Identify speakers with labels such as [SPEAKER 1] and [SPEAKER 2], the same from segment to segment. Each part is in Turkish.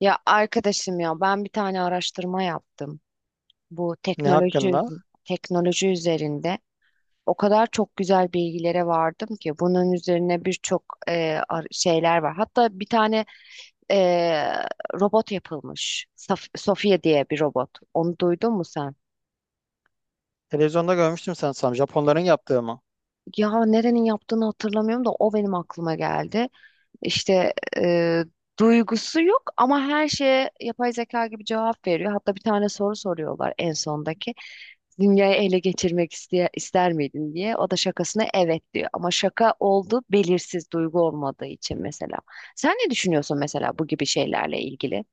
[SPEAKER 1] Ya arkadaşım ya ben bir tane araştırma yaptım. Bu
[SPEAKER 2] Ne
[SPEAKER 1] teknoloji
[SPEAKER 2] hakkında?
[SPEAKER 1] teknoloji üzerinde o kadar çok güzel bilgilere vardım ki bunun üzerine birçok şeyler var. Hatta bir tane e, robot yapılmış. Saf Sofia diye bir robot. Onu duydun mu sen?
[SPEAKER 2] Televizyonda görmüştüm sanırsam. Japonların yaptığı mı?
[SPEAKER 1] Ya nerenin yaptığını hatırlamıyorum da o benim aklıma geldi. İşte duygusu yok ama her şeye yapay zeka gibi cevap veriyor. Hatta bir tane soru soruyorlar en sondaki. Dünyayı ele geçirmek ister miydin diye. O da şakasına evet diyor. Ama şaka oldu, belirsiz duygu olmadığı için mesela. Sen ne düşünüyorsun mesela bu gibi şeylerle ilgili?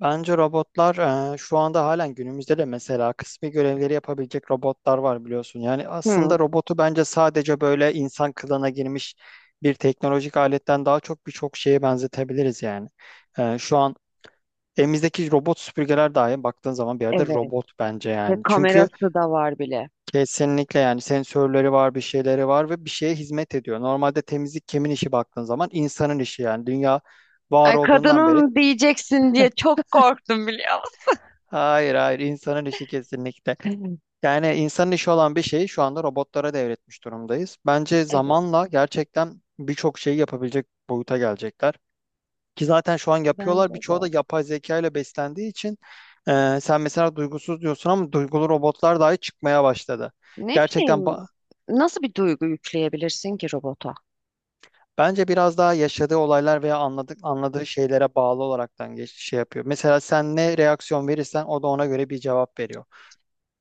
[SPEAKER 2] Bence robotlar şu anda halen günümüzde de mesela kısmi görevleri yapabilecek robotlar var, biliyorsun. Yani
[SPEAKER 1] Hı,
[SPEAKER 2] aslında robotu bence sadece böyle insan kılığına girmiş bir teknolojik aletten daha çok birçok şeye benzetebiliriz yani. Şu an elimizdeki robot süpürgeler dahi baktığın zaman bir yerde
[SPEAKER 1] evet.
[SPEAKER 2] robot bence
[SPEAKER 1] Ve
[SPEAKER 2] yani.
[SPEAKER 1] kamerası da var bile.
[SPEAKER 2] Kesinlikle yani, sensörleri var, bir şeyleri var ve bir şeye hizmet ediyor. Normalde temizlik kimin işi baktığın zaman insanın işi, yani dünya var
[SPEAKER 1] Ay
[SPEAKER 2] olduğundan beri.
[SPEAKER 1] kadının diyeceksin diye çok korktum, biliyor musun?
[SPEAKER 2] Hayır, hayır, insanın işi kesinlikle. Yani insanın işi olan bir şeyi şu anda robotlara devretmiş durumdayız. Bence
[SPEAKER 1] Evet,
[SPEAKER 2] zamanla gerçekten birçok şeyi yapabilecek boyuta gelecekler. Ki zaten şu an yapıyorlar.
[SPEAKER 1] bence
[SPEAKER 2] Birçoğu da
[SPEAKER 1] de.
[SPEAKER 2] yapay zeka ile beslendiği için sen mesela duygusuz diyorsun ama duygulu robotlar dahi çıkmaya başladı.
[SPEAKER 1] Ne
[SPEAKER 2] Gerçekten
[SPEAKER 1] bileyim,
[SPEAKER 2] ba-
[SPEAKER 1] nasıl bir duygu yükleyebilirsin ki robota?
[SPEAKER 2] Bence biraz daha yaşadığı olaylar veya anladığı şeylere bağlı olaraktan şey yapıyor. Mesela sen ne reaksiyon verirsen o da ona göre bir cevap veriyor.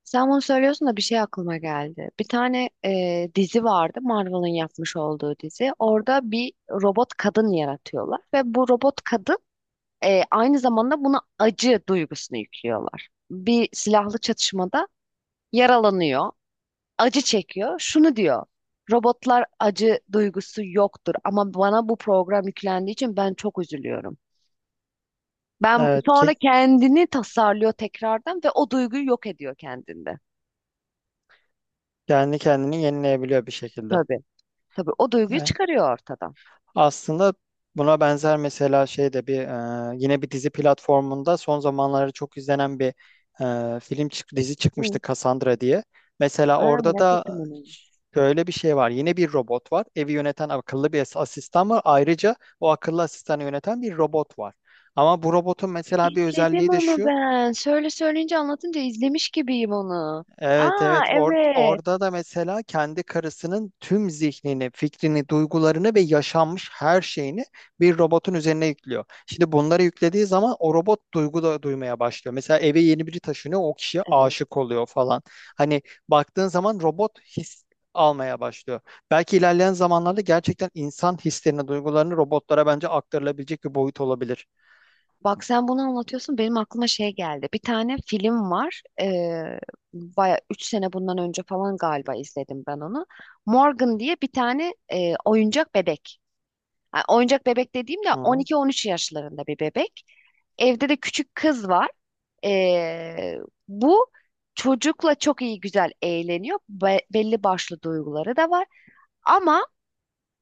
[SPEAKER 1] Sen bunu söylüyorsun da bir şey aklıma geldi. Bir tane dizi vardı, Marvel'ın yapmış olduğu dizi. Orada bir robot kadın yaratıyorlar ve bu robot kadın aynı zamanda buna acı duygusunu yüklüyorlar. Bir silahlı çatışmada yaralanıyor, acı çekiyor. Şunu diyor, robotlar acı duygusu yoktur ama bana bu program yüklendiği için ben çok üzülüyorum. Ben
[SPEAKER 2] Evet ki
[SPEAKER 1] sonra kendini tasarlıyor tekrardan ve o duyguyu yok ediyor kendinde.
[SPEAKER 2] kendi kendini yenileyebiliyor bir şekilde.
[SPEAKER 1] Tabii. Tabii o duyguyu
[SPEAKER 2] Yani,
[SPEAKER 1] çıkarıyor ortadan.
[SPEAKER 2] aslında buna benzer mesela şey de bir yine bir dizi platformunda son zamanlarda çok izlenen bir dizi
[SPEAKER 1] Hı.
[SPEAKER 2] çıkmıştı, Cassandra diye. Mesela
[SPEAKER 1] Aa,
[SPEAKER 2] orada
[SPEAKER 1] merak
[SPEAKER 2] da
[SPEAKER 1] ettim onu.
[SPEAKER 2] şöyle bir şey var. Yine bir robot var. Evi yöneten akıllı bir asistan var. Ayrıca o akıllı asistanı yöneten bir robot var. Ama bu robotun mesela bir
[SPEAKER 1] İzledim
[SPEAKER 2] özelliği de
[SPEAKER 1] onu
[SPEAKER 2] şu.
[SPEAKER 1] ben. Söyle, söyleyince anlatınca izlemiş gibiyim onu.
[SPEAKER 2] Evet,
[SPEAKER 1] Aa,
[SPEAKER 2] evet, Or-
[SPEAKER 1] evet.
[SPEAKER 2] orada da mesela kendi karısının tüm zihnini, fikrini, duygularını ve yaşanmış her şeyini bir robotun üzerine yüklüyor. Şimdi bunları yüklediği zaman o robot duygu da duymaya başlıyor. Mesela eve yeni biri taşınıyor, o kişiye
[SPEAKER 1] Evet.
[SPEAKER 2] aşık oluyor falan. Hani baktığın zaman robot his almaya başlıyor. Belki ilerleyen zamanlarda gerçekten insan hislerini, duygularını robotlara bence aktarılabilecek bir boyut olabilir.
[SPEAKER 1] Bak, sen bunu anlatıyorsun, benim aklıma şey geldi. Bir tane film var. Baya 3 sene bundan önce falan galiba izledim ben onu. Morgan diye bir tane oyuncak bebek. Ha, oyuncak bebek dediğim de
[SPEAKER 2] Hı hı.
[SPEAKER 1] 12-13 yaşlarında bir bebek. Evde de küçük kız var. Ee, Bu çocukla çok iyi, güzel eğleniyor. Belli başlı duyguları da var. Ama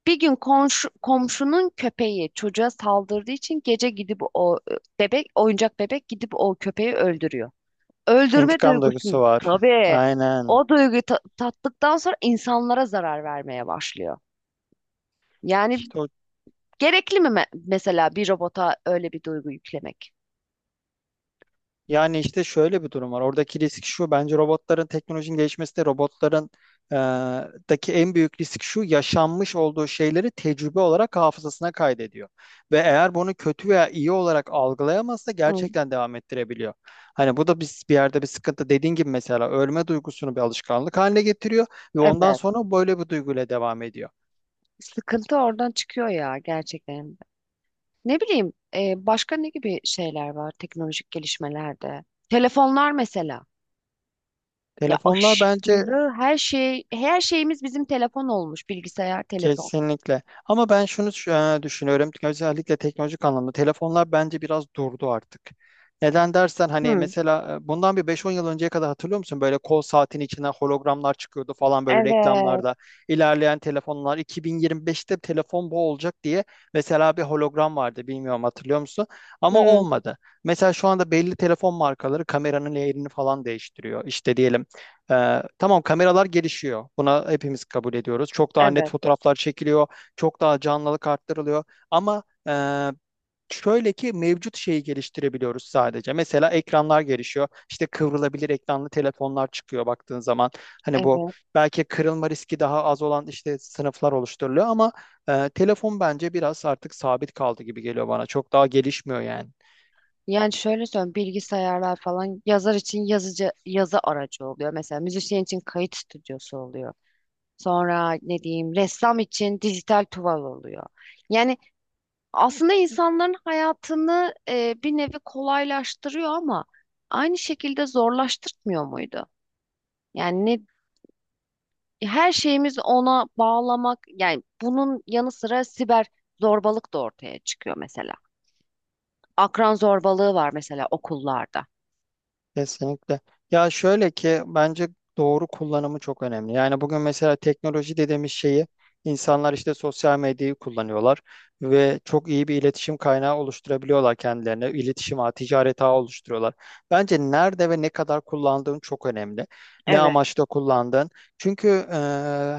[SPEAKER 1] bir gün komşu, komşunun köpeği çocuğa saldırdığı için gece gidip o oyuncak bebek gidip o köpeği öldürüyor. Öldürme
[SPEAKER 2] İntikam
[SPEAKER 1] duygusunu,
[SPEAKER 2] duygusu var.
[SPEAKER 1] tabii
[SPEAKER 2] Aynen.
[SPEAKER 1] o duyguyu tattıktan sonra insanlara zarar vermeye başlıyor. Yani
[SPEAKER 2] İşte o
[SPEAKER 1] gerekli mi mesela bir robota öyle bir duygu yüklemek?
[SPEAKER 2] Yani işte şöyle bir durum var. Oradaki risk şu. Bence robotların teknolojinin gelişmesi de robotların e, daki en büyük risk şu. Yaşanmış olduğu şeyleri tecrübe olarak hafızasına kaydediyor. Ve eğer bunu kötü veya iyi olarak algılayamazsa
[SPEAKER 1] Hı,
[SPEAKER 2] gerçekten devam ettirebiliyor. Hani bu da biz bir yerde bir sıkıntı. Dediğin gibi mesela ölme duygusunu bir alışkanlık haline getiriyor ve ondan
[SPEAKER 1] evet.
[SPEAKER 2] sonra böyle bir duyguyla devam ediyor.
[SPEAKER 1] Sıkıntı oradan çıkıyor ya gerçekten. Ne bileyim, başka ne gibi şeyler var teknolojik gelişmelerde? Telefonlar mesela. Ya
[SPEAKER 2] Telefonlar bence
[SPEAKER 1] aşırı, her şeyimiz bizim telefon olmuş, bilgisayar, telefon.
[SPEAKER 2] Kesinlikle. Ama ben düşünüyorum. Özellikle teknolojik anlamda telefonlar bence biraz durdu artık. Neden dersen hani
[SPEAKER 1] Hı,
[SPEAKER 2] mesela bundan bir beş on yıl önceye kadar hatırlıyor musun? Böyle kol saatin içinden hologramlar çıkıyordu falan böyle
[SPEAKER 1] evet.
[SPEAKER 2] reklamlarda. İlerleyen telefonlar 2025'te telefon bu olacak diye mesela bir hologram vardı, bilmiyorum, hatırlıyor musun? Ama
[SPEAKER 1] Hı,
[SPEAKER 2] olmadı. Mesela şu anda belli telefon markaları kameranın yerini falan değiştiriyor. İşte diyelim tamam kameralar gelişiyor. Buna hepimiz kabul ediyoruz. Çok daha net
[SPEAKER 1] evet.
[SPEAKER 2] fotoğraflar çekiliyor. Çok daha canlılık arttırılıyor. Ama e, şöyle ki mevcut şeyi geliştirebiliyoruz sadece. Mesela ekranlar gelişiyor. İşte kıvrılabilir ekranlı telefonlar çıkıyor baktığın zaman. Hani bu
[SPEAKER 1] Evet.
[SPEAKER 2] belki kırılma riski daha az olan işte sınıflar oluşturuluyor ama telefon bence biraz artık sabit kaldı gibi geliyor bana. Çok daha gelişmiyor yani.
[SPEAKER 1] Yani şöyle söyleyeyim, bilgisayarlar falan yazar için yazıcı, yazı aracı oluyor. Mesela müzisyen için kayıt stüdyosu oluyor. Sonra ne diyeyim, ressam için dijital tuval oluyor. Yani aslında insanların hayatını bir nevi kolaylaştırıyor ama aynı şekilde zorlaştırmıyor muydu? Yani ne, her şeyimiz ona bağlamak, yani bunun yanı sıra siber zorbalık da ortaya çıkıyor mesela. Akran zorbalığı var mesela okullarda.
[SPEAKER 2] Kesinlikle. Ya şöyle ki bence doğru kullanımı çok önemli. Yani bugün mesela teknoloji dediğimiz şeyi insanlar işte sosyal medyayı kullanıyorlar ve çok iyi bir iletişim kaynağı oluşturabiliyorlar kendilerine. İletişim ağı, ticaret ağı oluşturuyorlar. Bence nerede ve ne kadar kullandığın çok önemli. Ne
[SPEAKER 1] Evet.
[SPEAKER 2] amaçla kullandığın. Çünkü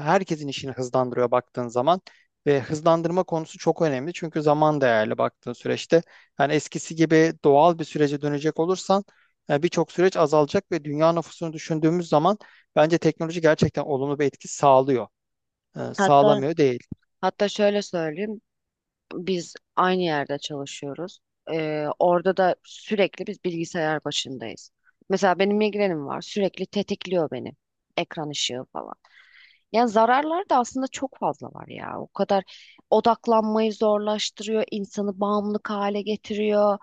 [SPEAKER 2] herkesin işini hızlandırıyor baktığın zaman. Ve hızlandırma konusu çok önemli. Çünkü zaman değerli baktığın süreçte. Yani eskisi gibi doğal bir sürece dönecek olursan yani birçok süreç azalacak ve dünya nüfusunu düşündüğümüz zaman bence teknoloji gerçekten olumlu bir etki sağlıyor.
[SPEAKER 1] Hatta
[SPEAKER 2] Sağlamıyor değil.
[SPEAKER 1] hatta şöyle söyleyeyim. Biz aynı yerde çalışıyoruz. Orada da sürekli biz bilgisayar başındayız. Mesela benim migrenim var. Sürekli tetikliyor beni. Ekran ışığı falan. Yani zararlar da aslında çok fazla var ya. O kadar odaklanmayı zorlaştırıyor, insanı bağımlılık hale getiriyor.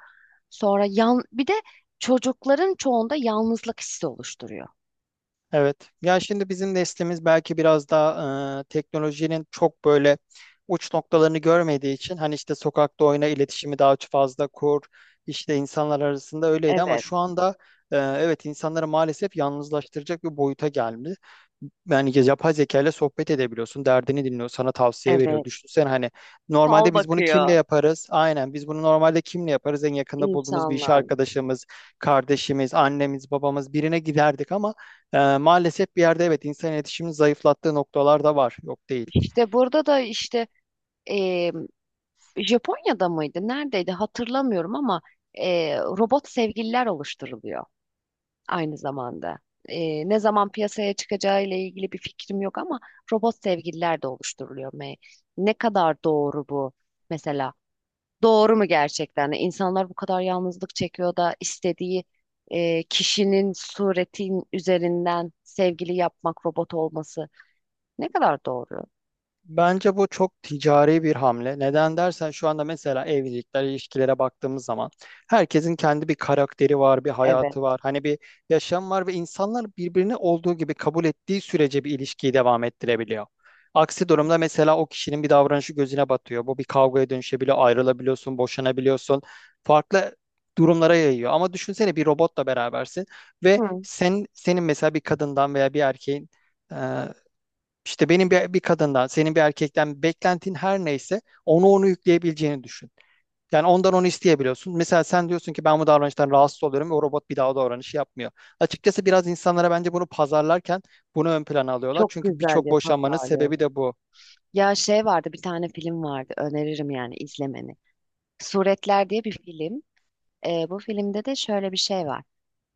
[SPEAKER 1] Sonra yan bir de çocukların çoğunda yalnızlık hissi oluşturuyor.
[SPEAKER 2] Evet. Ya şimdi bizim neslimiz belki biraz daha teknolojinin çok böyle uç noktalarını görmediği için hani işte sokakta oyna iletişimi daha fazla kur, işte insanlar arasında öyleydi ama
[SPEAKER 1] Evet,
[SPEAKER 2] şu anda evet, insanları maalesef yalnızlaştıracak bir boyuta geldi. Yani yapay zeka ile sohbet edebiliyorsun, derdini dinliyor, sana tavsiye veriyor.
[SPEAKER 1] evet.
[SPEAKER 2] Düşünsene hani
[SPEAKER 1] Fal
[SPEAKER 2] normalde biz bunu kimle
[SPEAKER 1] bakıyor.
[SPEAKER 2] yaparız? Aynen biz bunu normalde kimle yaparız? En yakında bulduğumuz bir iş
[SPEAKER 1] İnsanlarla.
[SPEAKER 2] arkadaşımız, kardeşimiz, annemiz, babamız, birine giderdik ama maalesef bir yerde evet insan iletişimini zayıflattığı noktalar da var. Yok değil.
[SPEAKER 1] İşte burada da işte e, Japonya'da mıydı? Neredeydi? Hatırlamıyorum ama robot sevgililer oluşturuluyor aynı zamanda. Ne zaman piyasaya çıkacağı ile ilgili bir fikrim yok ama robot sevgililer de oluşturuluyor. Ne kadar doğru bu mesela? Doğru mu gerçekten? Hani İnsanlar bu kadar yalnızlık çekiyor da istediği kişinin suretin üzerinden sevgili yapmak, robot olması ne kadar doğru?
[SPEAKER 2] Bence bu çok ticari bir hamle. Neden dersen şu anda mesela evlilikler, ilişkilere baktığımız zaman herkesin kendi bir karakteri var, bir hayatı
[SPEAKER 1] Evet.
[SPEAKER 2] var. Hani bir yaşam var ve insanlar birbirini olduğu gibi kabul ettiği sürece bir ilişkiyi devam ettirebiliyor. Aksi durumda mesela o kişinin bir davranışı gözüne batıyor. Bu bir kavgaya dönüşebiliyor, ayrılabiliyorsun, boşanabiliyorsun. Farklı durumlara yayıyor. Ama düşünsene bir robotla berabersin ve
[SPEAKER 1] Hı.
[SPEAKER 2] sen, senin mesela bir kadından veya bir erkeğin, işte benim bir kadından, senin bir erkekten beklentin her neyse onu yükleyebileceğini düşün. Yani ondan onu isteyebiliyorsun. Mesela sen diyorsun ki ben bu davranıştan rahatsız oluyorum ve o robot bir daha o davranışı yapmıyor. Açıkçası biraz insanlara bence bunu pazarlarken bunu ön plana alıyorlar.
[SPEAKER 1] Çok
[SPEAKER 2] Çünkü
[SPEAKER 1] güzel
[SPEAKER 2] birçok
[SPEAKER 1] bir
[SPEAKER 2] boşanmanın
[SPEAKER 1] pazarlıyor.
[SPEAKER 2] sebebi de bu.
[SPEAKER 1] Ya şey vardı, bir tane film vardı, öneririm yani izlemeni. Suretler diye bir film. Bu filmde de şöyle bir şey var.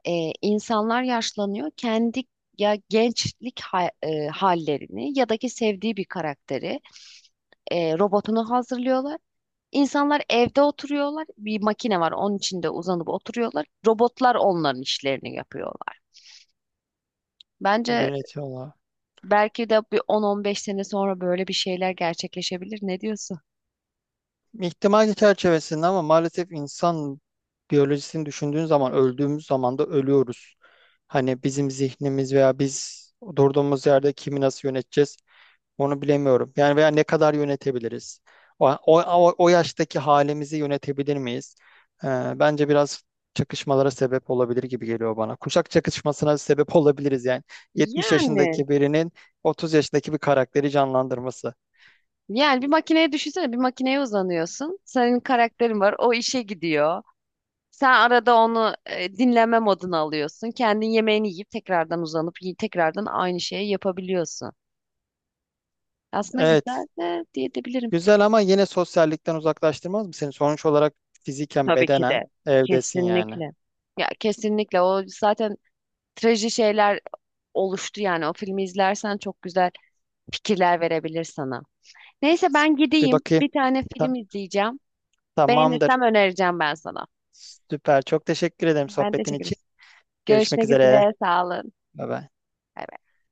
[SPEAKER 1] İnsanlar yaşlanıyor, kendi ya gençlik hallerini ya da ki sevdiği bir karakteri, robotunu hazırlıyorlar. İnsanlar evde oturuyorlar. Bir makine var, onun içinde uzanıp oturuyorlar. Robotlar onların işlerini yapıyorlar. Bence
[SPEAKER 2] Yönetiyorlar.
[SPEAKER 1] belki de bir on, on beş sene sonra böyle bir şeyler gerçekleşebilir. Ne diyorsun?
[SPEAKER 2] İhtimal çerçevesinde ama maalesef insan biyolojisini düşündüğün zaman öldüğümüz zaman da ölüyoruz. Hani bizim zihnimiz veya biz durduğumuz yerde kimi nasıl yöneteceğiz? Onu bilemiyorum. Yani veya ne kadar yönetebiliriz? O yaştaki halimizi yönetebilir miyiz? Ee, Bence biraz çakışmalara sebep olabilir gibi geliyor bana. Kuşak çakışmasına sebep olabiliriz yani. 70
[SPEAKER 1] Yani.
[SPEAKER 2] yaşındaki birinin 30 yaşındaki bir karakteri canlandırması.
[SPEAKER 1] Yani bir makineye, düşünsene, bir makineye uzanıyorsun. Senin karakterin var, o işe gidiyor. Sen arada onu dinleme moduna alıyorsun. Kendin yemeğini yiyip tekrardan uzanıp tekrardan aynı şeyi yapabiliyorsun. Aslında
[SPEAKER 2] Evet,
[SPEAKER 1] güzel de diyebilirim.
[SPEAKER 2] güzel ama yine sosyallikten uzaklaştırmaz mı seni? Sonuç olarak fiziken,
[SPEAKER 1] Tabii ki
[SPEAKER 2] bedenen
[SPEAKER 1] de.
[SPEAKER 2] evdesin yani.
[SPEAKER 1] Kesinlikle. Ya kesinlikle, o zaten traji şeyler oluştu yani, o filmi izlersen çok güzel fikirler verebilir sana. Neyse, ben
[SPEAKER 2] Bir
[SPEAKER 1] gideyim,
[SPEAKER 2] bakayım.
[SPEAKER 1] bir tane
[SPEAKER 2] Ta-
[SPEAKER 1] film izleyeceğim.
[SPEAKER 2] tamamdır.
[SPEAKER 1] Beğenirsem önereceğim ben sana.
[SPEAKER 2] Süper. Çok teşekkür ederim
[SPEAKER 1] Ben
[SPEAKER 2] sohbetin
[SPEAKER 1] teşekkür
[SPEAKER 2] için. Görüşmek
[SPEAKER 1] Görüşmek
[SPEAKER 2] üzere.
[SPEAKER 1] üzere. Sağ olun.
[SPEAKER 2] Bye bye.
[SPEAKER 1] Bay bay.